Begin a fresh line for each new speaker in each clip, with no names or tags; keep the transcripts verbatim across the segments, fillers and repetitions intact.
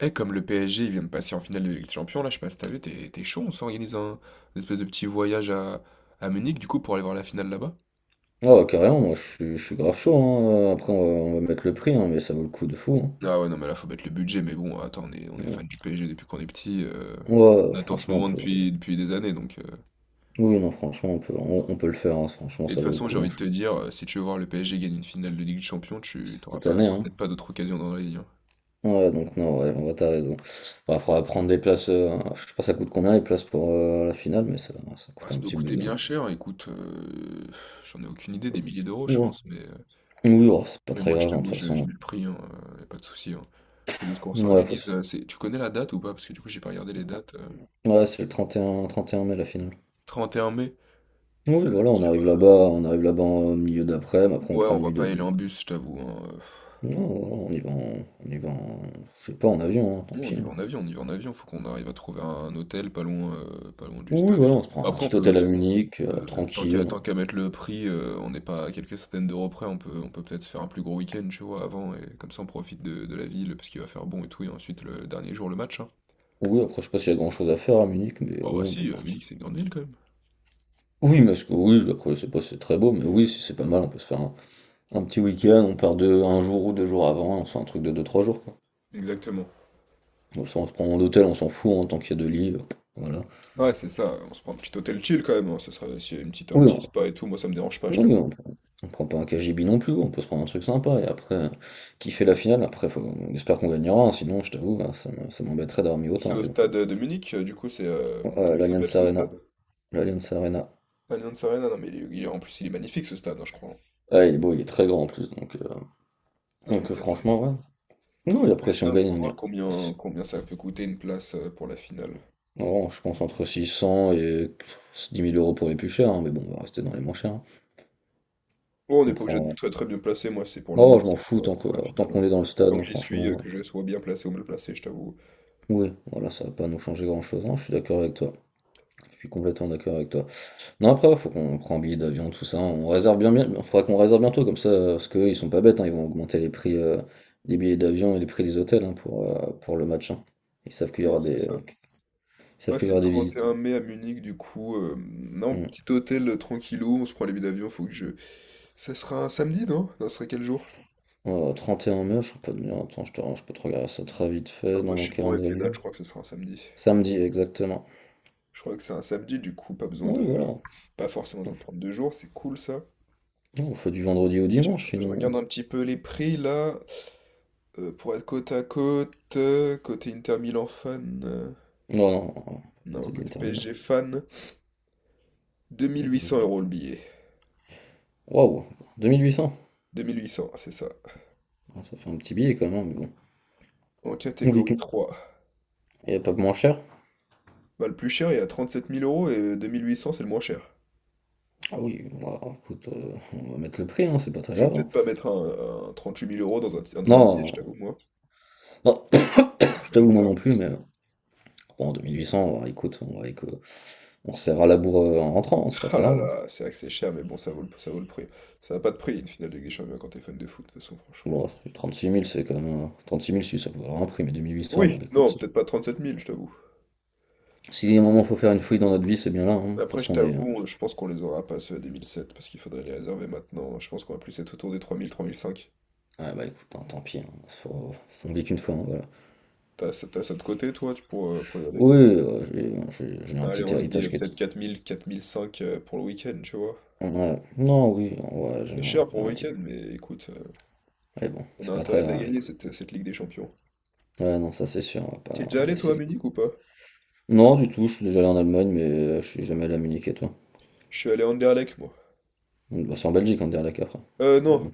Eh, comme le P S G il vient de passer en finale de Ligue des Champions, là, je sais pas si t'as vu, t'es t'es chaud, on s'organise un une espèce de petit voyage à, à Munich, du coup, pour aller voir la finale là-bas?
Oh, carrément, moi je suis, je suis grave chaud, hein. Après, on va, on va mettre le prix, hein, mais ça vaut le coup de fou,
Ah ouais, non, mais là, faut mettre le budget, mais bon, attends, on est, on est fan
hein.
du P S G depuis qu'on est petit, euh,
Ouais, ouais,
on attend ce
franchement, on
moment
peut.
depuis, depuis des années, donc... euh.
Oui, non, franchement, on peut, on, on peut le faire, hein. Franchement,
Et de
ça
toute
vaut le
façon, j'ai
coup, hein.
envie de te dire, euh, si tu veux voir le P S G gagner une finale de Ligue des Champions, tu t'auras
Cette
pas,
année,
t'auras
hein.
peut-être pas d'autre occasion dans la vie, hein.
Ouais, donc non, ouais, on va, t'as raison. Il faudra prendre des places. Euh, je sais pas, ça coûte combien les places pour euh, la finale, mais ça, ça
Ah,
coûte
ça
un
doit
petit
coûter
bout, hein.
bien cher, écoute, euh, j'en ai aucune idée, des milliers d'euros, je
Ouais.
pense, mais...
Oui, oh, c'est pas
Mais
très
moi, je
grave, hein, de toute
t'avoue, je, je
façon.
mets le prix, hein, euh, y a pas de souci. Hein. Faut juste qu'on
Ouais, faut se-
s'organise. Euh, c'est... Tu connais la date ou pas? Parce que du coup, j'ai pas regardé les dates. euh.
ouais, c'est le trente trente et un trente et un mai la finale.
Trente et un mai,
Oui,
ça veut
voilà, on arrive
dire.
là-bas, on arrive là-bas en milieu d'après, mais après on
Ouais,
prend
on
une
va
nuit
pas y aller
d'hôtel.
en bus, je t'avoue. Hein, euh.
Non, non, on y va en on y va en je sais pas, en avion, hein, tant
Non, on
pis,
y
hein.
va en avion, on y va en avion. Faut qu'on arrive à trouver un, un hôtel pas loin, euh, pas loin du
Oui,
stade et
voilà,
tout.
on se prend un
Après, on
petit
peut.
hôtel à Munich, heu,
euh, tant qu'à
tranquille.
tant qu'à mettre le prix, euh, on n'est pas à quelques centaines d'euros près, on peut on peut peut-être faire un plus gros week-end, tu vois, avant, et comme ça on profite de, de la ville, parce qu'il va faire bon et tout, et ensuite le dernier jour le match. Hein.
Oui, après, je sais pas s'il y a grand-chose à faire à Munich, mais
Bah, bah
oui, on peut
si, euh,
partir.
Munich c'est une grande ville quand même.
Oui, parce que oui, je après, je sais pas si c'est très beau, mais oui, si c'est pas mal, on peut se faire un un petit week-end, on part de un jour ou deux jours avant, on se fait un truc de deux trois jours, quoi.
Exactement.
Comme ça, on se prend un hôtel, on s'en fout, hein, tant qu'il y a deux lits, euh, voilà.
Ouais, c'est ça. On se prend un petit hôtel chill quand même. Hein. Ce serait s'il y a une petite, un
Oui,
petit spa et tout. Moi, ça me dérange pas, je
non, mais
t'avoue.
on prend, on prend pas un K G B non plus, on peut se prendre un truc sympa et après euh, kiffer la finale. Après, faut- on espère qu'on gagnera, hein, sinon, je t'avoue, hein, ça me- ça m'embêterait d'avoir mis
C'est
autant.
au
Mais bon.
stade de Munich, euh, du coup, c'est. Euh,
Oh, Euh,
comment il s'appelle
l'Allianz
ce
Arena,
stade?
l'Allianz Arena.
Allianz Arena. Non, mais il est- il est- en plus, il est magnifique ce stade, hein, je crois.
Ah, il est beau, il est très grand en plus, donc, euh,
Ah, non, mais
donc euh,
ça, c'est,
franchement, ouais.
ça
Non, et
peut
après,
être
si on
dingue.
gagne,
Faut
on
voir
ira.
combien, combien ça peut coûter une place euh, pour la finale.
Non, je pense entre six cents et dix mille euros pour les plus chers, hein, mais bon, on va rester dans les moins chers, hein.
Bon, on n'est
On
pas obligé de
prend.
très très bien placé. Moi, c'est pour
Oh, je
l'ambiance,
m'en
c'est
fous
pour,
tant
euh, pour la
que- tant
finale. Hein.
qu'on est dans le
Tant
stade,
que
hein,
j'y suis, euh,
franchement.
que je sois bien placé ou mal placé, je t'avoue.
Oui, voilà, ça va pas nous changer grand-chose, hein, je suis d'accord avec toi. Je suis complètement d'accord avec toi. Non, après, ouais, faut qu'on prenne un billet d'avion, tout ça. On réserve bien, bien. Faudra qu'on réserve bientôt, comme ça, euh, parce qu'ils sont pas bêtes, hein, ils vont augmenter les prix euh, des billets d'avion et les prix des hôtels, hein, pour, euh, pour le match, hein. Ils savent qu'il y
Non,
aura
c'est
des,
ça.
ils savent
Ouais,
qu'il y
c'est le
aura des
trente et
visites.
un mai à Munich, du coup. Euh, non,
Hmm.
petit hôtel euh, tranquillou, on se prend les billets d'avion, faut que je, ça sera un samedi, non? Non, ce serait quel jour?
Euh, trente et un mai, je peux te dire, attends, je, te- je peux te regarder ça très vite fait
Non,
dans
moi, je
mon
suis bon avec les
calendrier.
dates, je crois que ce sera un samedi.
Samedi, exactement.
Je crois que c'est un samedi, du coup, pas besoin
Oui,
de...
voilà.
Pas forcément besoin de prendre deux jours, c'est cool, ça.
Non, on fait du vendredi au
Je, je-
dimanche,
je
sinon.
regarde un petit peu les prix, là, euh, pour être côte à côte, euh, côté Inter Milan fan, euh,
Non, non, non,
non,
peut-être de
côté
l'Inter Milan.
P S G fan, deux mille huit cents euros le billet.
Waouh, deux mille huit cents.
Deux mille huit cents, ah, c'est ça.
Ah, ça fait un petit billet quand même, hein, mais bon.
En
On vit que-.
catégorie trois.
Et pas moins cher.
Bah, le plus cher est à sept mille euros et deux mille huit cents c'est le moins cher.
Ah oui, moi, écoute, euh, on va mettre le prix, hein, c'est pas très
Je vais
grave, hein.
peut-être pas mettre un, un huit mille euros dans un, dans un
Non,
billet, je t'avoue, moi.
non,
Attends,
je
je
t'avoue, moi non
regarde.
plus, mais euh, bon, deux mille huit cents, ouais, écoute, on, va- écoute, on va, que on se serra la bourre euh, en rentrant, hein, c'est pas
Ah
très
là
grave, hein.
là, c'est vrai que c'est cher, mais bon, ça vaut le, ça vaut le prix. Ça n'a pas de prix, une finale de Ligue des Champions quand t'es fan de foot, de toute façon, franchement.
Bon, trente-six mille, c'est quand même, euh, trente-six mille, si ça peut valoir un prix, mais deux mille huit cents, bon,
Oui,
écoute.
non, peut-être pas trente-sept mille, je t'avoue.
Si à un moment faut faire une fouille dans notre vie, c'est bien là, hein. De toute
Après, je
façon, on est.
t'avoue, on- je pense qu'on les aura pas ceux à deux mille sept, parce qu'il faudrait les réserver maintenant. Je pense qu'on va plus être autour des trois mille, trois mille cinq.
Ouais, bah écoute, hein, tant pis, hein, faut- on vit qu'une fois, hein, voilà.
T'as, ça- t'as ça de côté, toi, tu pour, euh, pour y aller?
Oui, euh, j'ai j'ai- j'ai un
Allez,
petit
on se dit
héritage
euh,
qui est.
peut-être quatre mille, quatre mille cinq euh, pour le week-end, tu vois.
Ouais, non, oui, ouais, j'ai
C'est
un,
cher
j'ai
pour
un
le
petit.
week-end, mais écoute, euh,
Mais bon,
on a
c'est pas très
intérêt de la
grave,
gagner,
écoute.
cette, cette Ligue des Champions.
Ouais, non, ça c'est sûr, on va
T'y es
pas,
déjà
on va
allé, toi, à
essayer de.
Munich ou pas?
Non, du tout, je suis déjà allé en Allemagne, mais euh, je suis jamais allé à Munich, et toi?
Je suis allé à Anderlecht, moi.
Donc, bah, c'est en Belgique, en Anderlecht après.
Euh, non,
Donc,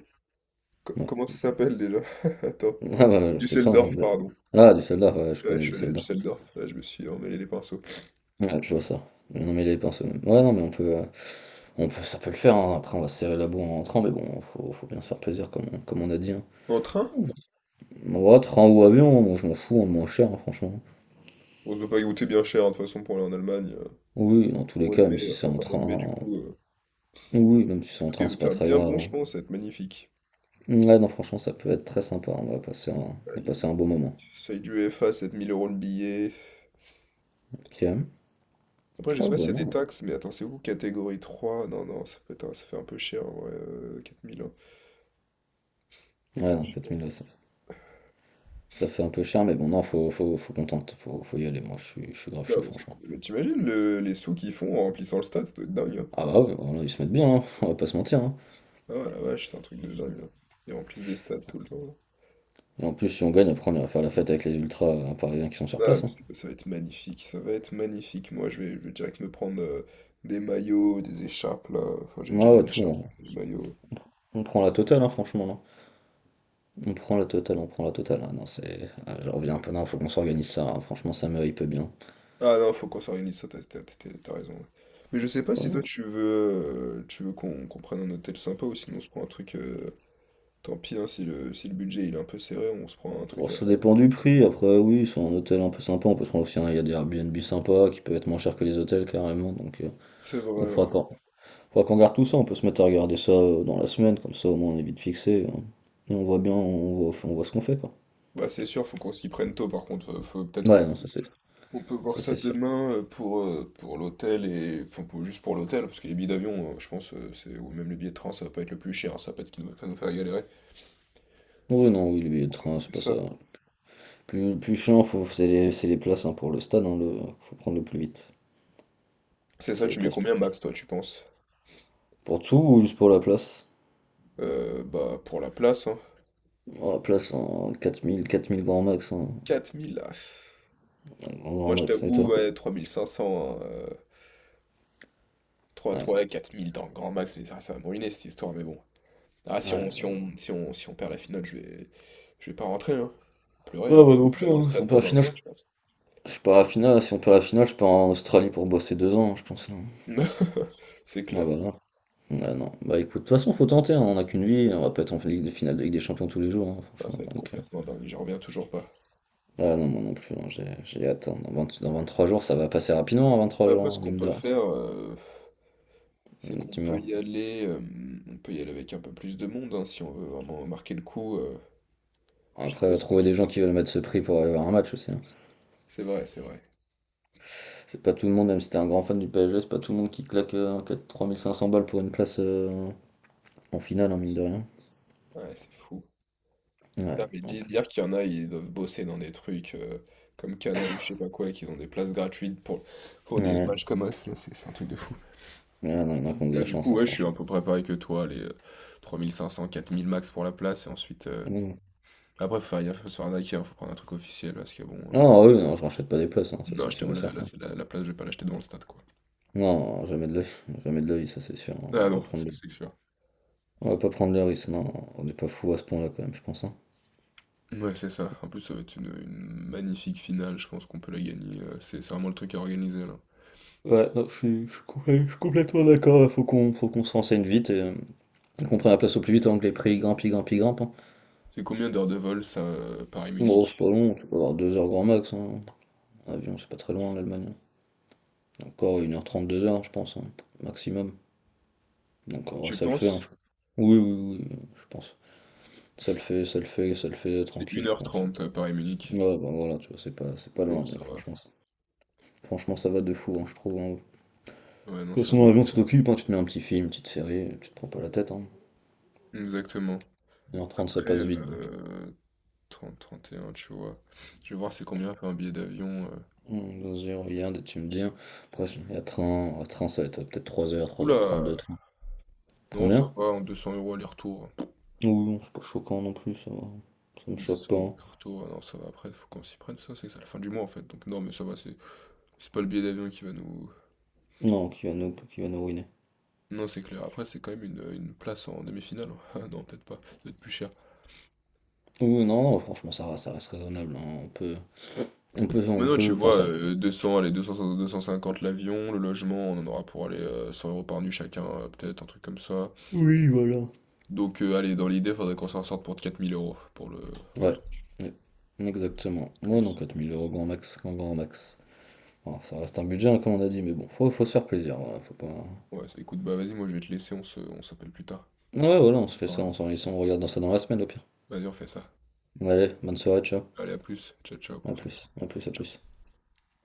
co-
bon, ouais.
comment ça s'appelle déjà? Attends.
Ah, bah, je sais pas,
Düsseldorf,
Ander-.
pardon.
Ah, Düsseldorf, ouais, je
Ouais,
connais
je suis allé à
Düsseldorf.
Düsseldorf. Ouais, je me suis emmêlé les pinceaux.
Ouais, je vois ça. Mais non, mais les pinceaux, même. Ouais, non, mais on peut, euh, on peut, ça peut le faire, hein. Après, on va se serrer la boue en rentrant, mais bon, faut, faut bien se faire plaisir, comme, on- comme on a dit, hein.
En train?
Ouais, train ou avion, moi, je m'en fous, on moins cher, hein, franchement.
On se doit pas y goûter bien cher, hein, de toute façon, pour aller en Allemagne. Euh,
Oui, dans tous les
mois de
cas, même
mai,
si c'est
enfin,
en
fin mois de mai, du
train.
coup. euh.
Oui, même si c'est en
Il
train,
va
c'est pas
faire
très
bien
grave,
bon, je
hein.
pense, ça va être magnifique.
Ouais, non, franchement, ça peut être très sympa, on va passer un, on va
Aïe,
passer
aïe,
un
aïe.
beau moment.
Seuil du F A, sept mille euros le billet.
Ok.
Après, je sais
Oh
pas s'il
bah
y a des
non.
taxes, mais attends, c'est où catégorie trois. Non, non, ça fait, attends, ça fait un peu cher, en vrai, euh, quatre mille. Hein. Les
Ouais,
taxes,
non,
je
quatre
sais pas.
mille là, ça, ça fait un peu cher, mais bon, non, faut, faut, faut qu'on tente, faut, faut y aller. Moi, je suis, je suis grave
Non,
chaud,
mais, ça-
franchement.
mais t'imagines le- les sous qu'ils font en remplissant le stade, ça doit être dingue. Hein.
Ah bah ouais, voilà, ils se mettent bien, hein, on va pas se mentir, hein.
Ah la vache, c'est un truc de dingue. Là. Ils remplissent des stades tout le temps.
Et en plus, si on gagne, après, on ira faire la fête avec les ultras euh, parisiens qui sont sur
Ah,
place,
mais
hein.
c'est- ça va être magnifique, ça va être magnifique. Moi, je vais, je vais direct me prendre euh, des maillots, des écharpes, là. Enfin, j'ai déjà
Ah ouais,
les
tout,
écharpes,
on,
les maillots.
on prend la totale, hein, franchement, non. On prend la totale, on prend la totale. Ah non, c'est... ah, je reviens un peu, non, faut qu'on s'organise ça, hein. Franchement, ça me hype bien.
Ah non, faut qu'on s'organise, ça, t'as t'as- t'as- t'as raison. Ouais. Mais je sais pas
Ouais,
si
non.
toi, tu veux, euh, tu veux qu'on qu'on prenne un hôtel sympa ou sinon on se prend un truc... euh, Tant pis, hein, si le, si le budget il est un peu serré, on se prend un
Bon,
truc à...
ça dépend du prix. Après, oui, sur un hôtel un peu sympa, on peut se prendre aussi, hein. Il y a des Airbnb sympas qui peuvent être moins chers que les hôtels, carrément. Donc, euh,
C'est
donc
vrai,
faudra
ouais.
qu'on. Faut qu'on garde tout ça, on peut se mettre à regarder ça euh, dans la semaine, comme ça au moins on est vite fixé, hein. Et on voit bien, on voit, on voit ce qu'on fait, quoi.
Bah, c'est sûr, faut qu'on s'y prenne tôt, par contre. Euh, Faut peut-être on
Ouais,
peut
non, ça c'est
On peut voir
ça
ça
c'est sûr.
demain euh, pour, euh, pour l'hôtel et enfin, pour- juste pour l'hôtel, parce que les billets d'avion, euh, je pense, euh, c'est ou même les billets de train, ça va pas être le plus cher, hein, ça va pas être ce qui nous- va nous faire galérer.
Oui, non, oui, le billet de train, c'est
C'est
pas ça.
ça.
Plus, plus chiant, faut, c'est les, c'est les places, hein, pour le stade, hein, le, faut prendre le plus vite.
C'est
C'est
ça,
les
tu mets
places pour,
combien max, toi, tu penses?
pour tout ou juste pour la place?
Euh, bah, pour la place, hein.
Oh, la place en quatre mille, quatre mille grand max, hein.
quatre mille, là.
Grand, grand
Moi, je
max, et
t'avoue,
toi?
ouais, trois mille cinq cents, hein, euh, 3,
Ouais,
3, quatre mille dans le grand max, mais ça, ça va me ruiner cette histoire, mais bon. Ah,
ouais,
si on, si
ouais.
on, si on, si on perd la finale, je vais, je vais pas rentrer, hein. Pleurer,
Ouais,
hein.
moi non
Je vais
plus,
dans le
hein. Si on
stade
perd la
pendant un
finale,
mois, je
je,
pense.
je pars à la finale. Si on perd la finale, je pars en Australie pour bosser deux ans, je pense, là.
C'est
Ah
clair.
bah non. Bah non. Bah écoute, de toute façon, faut tenter, hein, on n'a qu'une vie, on va pas être en Ligue de finale de Ligue des Champions tous les jours, hein,
Ah, ça
franchement.
va être
Donc, euh,
complètement dingue, j'y reviens toujours pas.
ah non, moi non plus, hein, j'ai j'ai hâte, hein. Dans vingt dans vingt-trois jours, ça va passer rapidement, hein, trois
Après,
jours,
ce
hein,
qu'on
mine de
peut
rien.
faire, euh, c'est
Hum,
qu'on
Tu
peut
vois.
y aller, euh, on peut y aller avec un peu plus de monde, hein, si on veut vraiment marquer le coup. Euh, je sais
Après,
pas
euh,
si t'as
trouver
vu.
des gens qui veulent mettre ce prix pour aller voir un match aussi, hein.
C'est vrai, c'est vrai.
C'est pas tout le monde, même si t'es un grand fan du P S G, c'est pas tout le monde qui claque euh, quatre- trois mille cinq cents balles pour une place euh, en finale, hein, mine de rien.
Ouais, c'est fou. Putain,
Ouais,
mais di-
donc, euh,
dire qu'il y en a, ils doivent bosser dans des trucs euh, comme Canal ou je sais pas quoi, et qu'ils ont des places gratuites pour, pour des
ouais,
matchs comme us, là, c'est c'est un truc de fou.
ouais, non, il y en a qui ont de
Mais
la
du
chance,
coup,
hein,
ouais, je suis un
franchement.
peu préparé que toi, les euh, trois mille cinq cents, quatre mille max pour la place, et ensuite... euh,
Non,
Après, faut faire gaffe, faut se faire arnaquer, hein, faut prendre un truc officiel, parce que bon... euh,
non, ah, oui, non, je rachète pas des places, hein, ça c'est
Non, je
sûr
t'avoue,
et
la, la,
certain.
la- la place, je vais pas l'acheter dans le stade, quoi.
Non, jamais de la. Jamais de l'œil, ça c'est sûr. On va
Ah
pas
non,
prendre
c'est
le,
c'est sûr.
on va pas prendre le risque, non. On n'est pas fou à ce point-là quand même, je pense, hein.
Ouais, c'est ça. En plus, ça va être une, une magnifique finale, je pense qu'on peut la gagner. euh, C'est c'est vraiment le truc à organiser, là.
Ouais, non, je suis, je suis complè- je suis complètement d'accord. Faut qu'on, faut qu'on se renseigne vite et euh, qu'on prenne la place au plus vite avant que les prix grimpent, ils grimpent, ils grimpent, hein.
C'est combien d'heures de vol, ça, euh,
Bon, c'est pas
Paris-Munich?
long, tu peux avoir deux heures grand max, hein. En avion, c'est pas très loin, l'Allemagne, hein. Encore une heure trente, deux heures, je pense, hein, maximum. Donc en vrai,
Je
ça le fait, hein, je-
pense,
oui, oui, oui, oui, je pense. Ça le fait, ça le fait, ça le fait
c'est
tranquille, je pense.
une heure trente, Paris-Munich.
Ouais, bah voilà, tu vois, c'est pas, c'est pas
Oh,
loin,
ça
donc
va.
franchement. Franchement, ça va de fou, hein, je trouve, hein. De
Ouais, non,
toute
ça
façon, dans
va.
l'avion, tu t'occupes, hein, tu te mets un petit film, une petite série, tu te prends pas la tête, hein.
Exactement.
une h trente, ça
Après,
passe vite. Donc.
euh, trente, trente et un, tu vois. Je vais voir c'est combien fait un billet d'avion. euh.
Hmm, Vas-y, regarde et tu me dis, hein. Après, il y a train, à train, ça va être peut être trois heures, trois heures
Oula!
trente, de train.
Non, ça
Combien?
va, en deux cents euros aller-retour.
Oui, non, c'est pas choquant non plus, ça va. Ça me
Deux
choque
cents
pas,
au
hein.
retour, ah non, ça va après, faut qu'on s'y prenne, ça, c'est que c'est à la fin du mois en fait. Donc, non, mais ça va, c'est c'est pas le billet d'avion qui va nous.
Non, qui va nous, qui va nous ruiner.
Non, c'est clair. Après, c'est quand même une, une place en demi-finale. Ah non, peut-être pas, ça doit être plus cher.
Oui, non, non, franchement, ça va, ça reste raisonnable, hein. On peut, on peut, on
Maintenant, tu
peut, enfin,
vois,
ça.
euh, deux cents allez, deux cents, deux cent cinquante l'avion, le logement, on en aura pour aller euh, cent euros par nuit chacun, euh, peut-être, un truc comme ça.
Oui, voilà.
Donc, euh, allez, dans l'idée, faudrait qu'on s'en sorte pour quatre mille euros pour le, pour le
Ouais,
truc
ouais, exactement. Moi, non,
plus.
quatre mille euros grand max, grand grand max. Bon, ça reste un budget, hein, comme on a dit, mais bon, faut, faut se faire plaisir, voilà, faut pas... Ouais,
Ouais, c'est- écoute, bah vas-y, moi je vais te laisser, on se, on s'appelle plus tard.
voilà, on se fait ça,
Parler.
on s'organise, ça, on regarde dans ça dans la semaine, au pire.
Vas-y, on fait ça.
Allez, bonne soirée, ciao.
Allez, à plus. Ciao, ciao,
À
prends soin de
plus,
toi.
à plus, à
Ciao.
plus.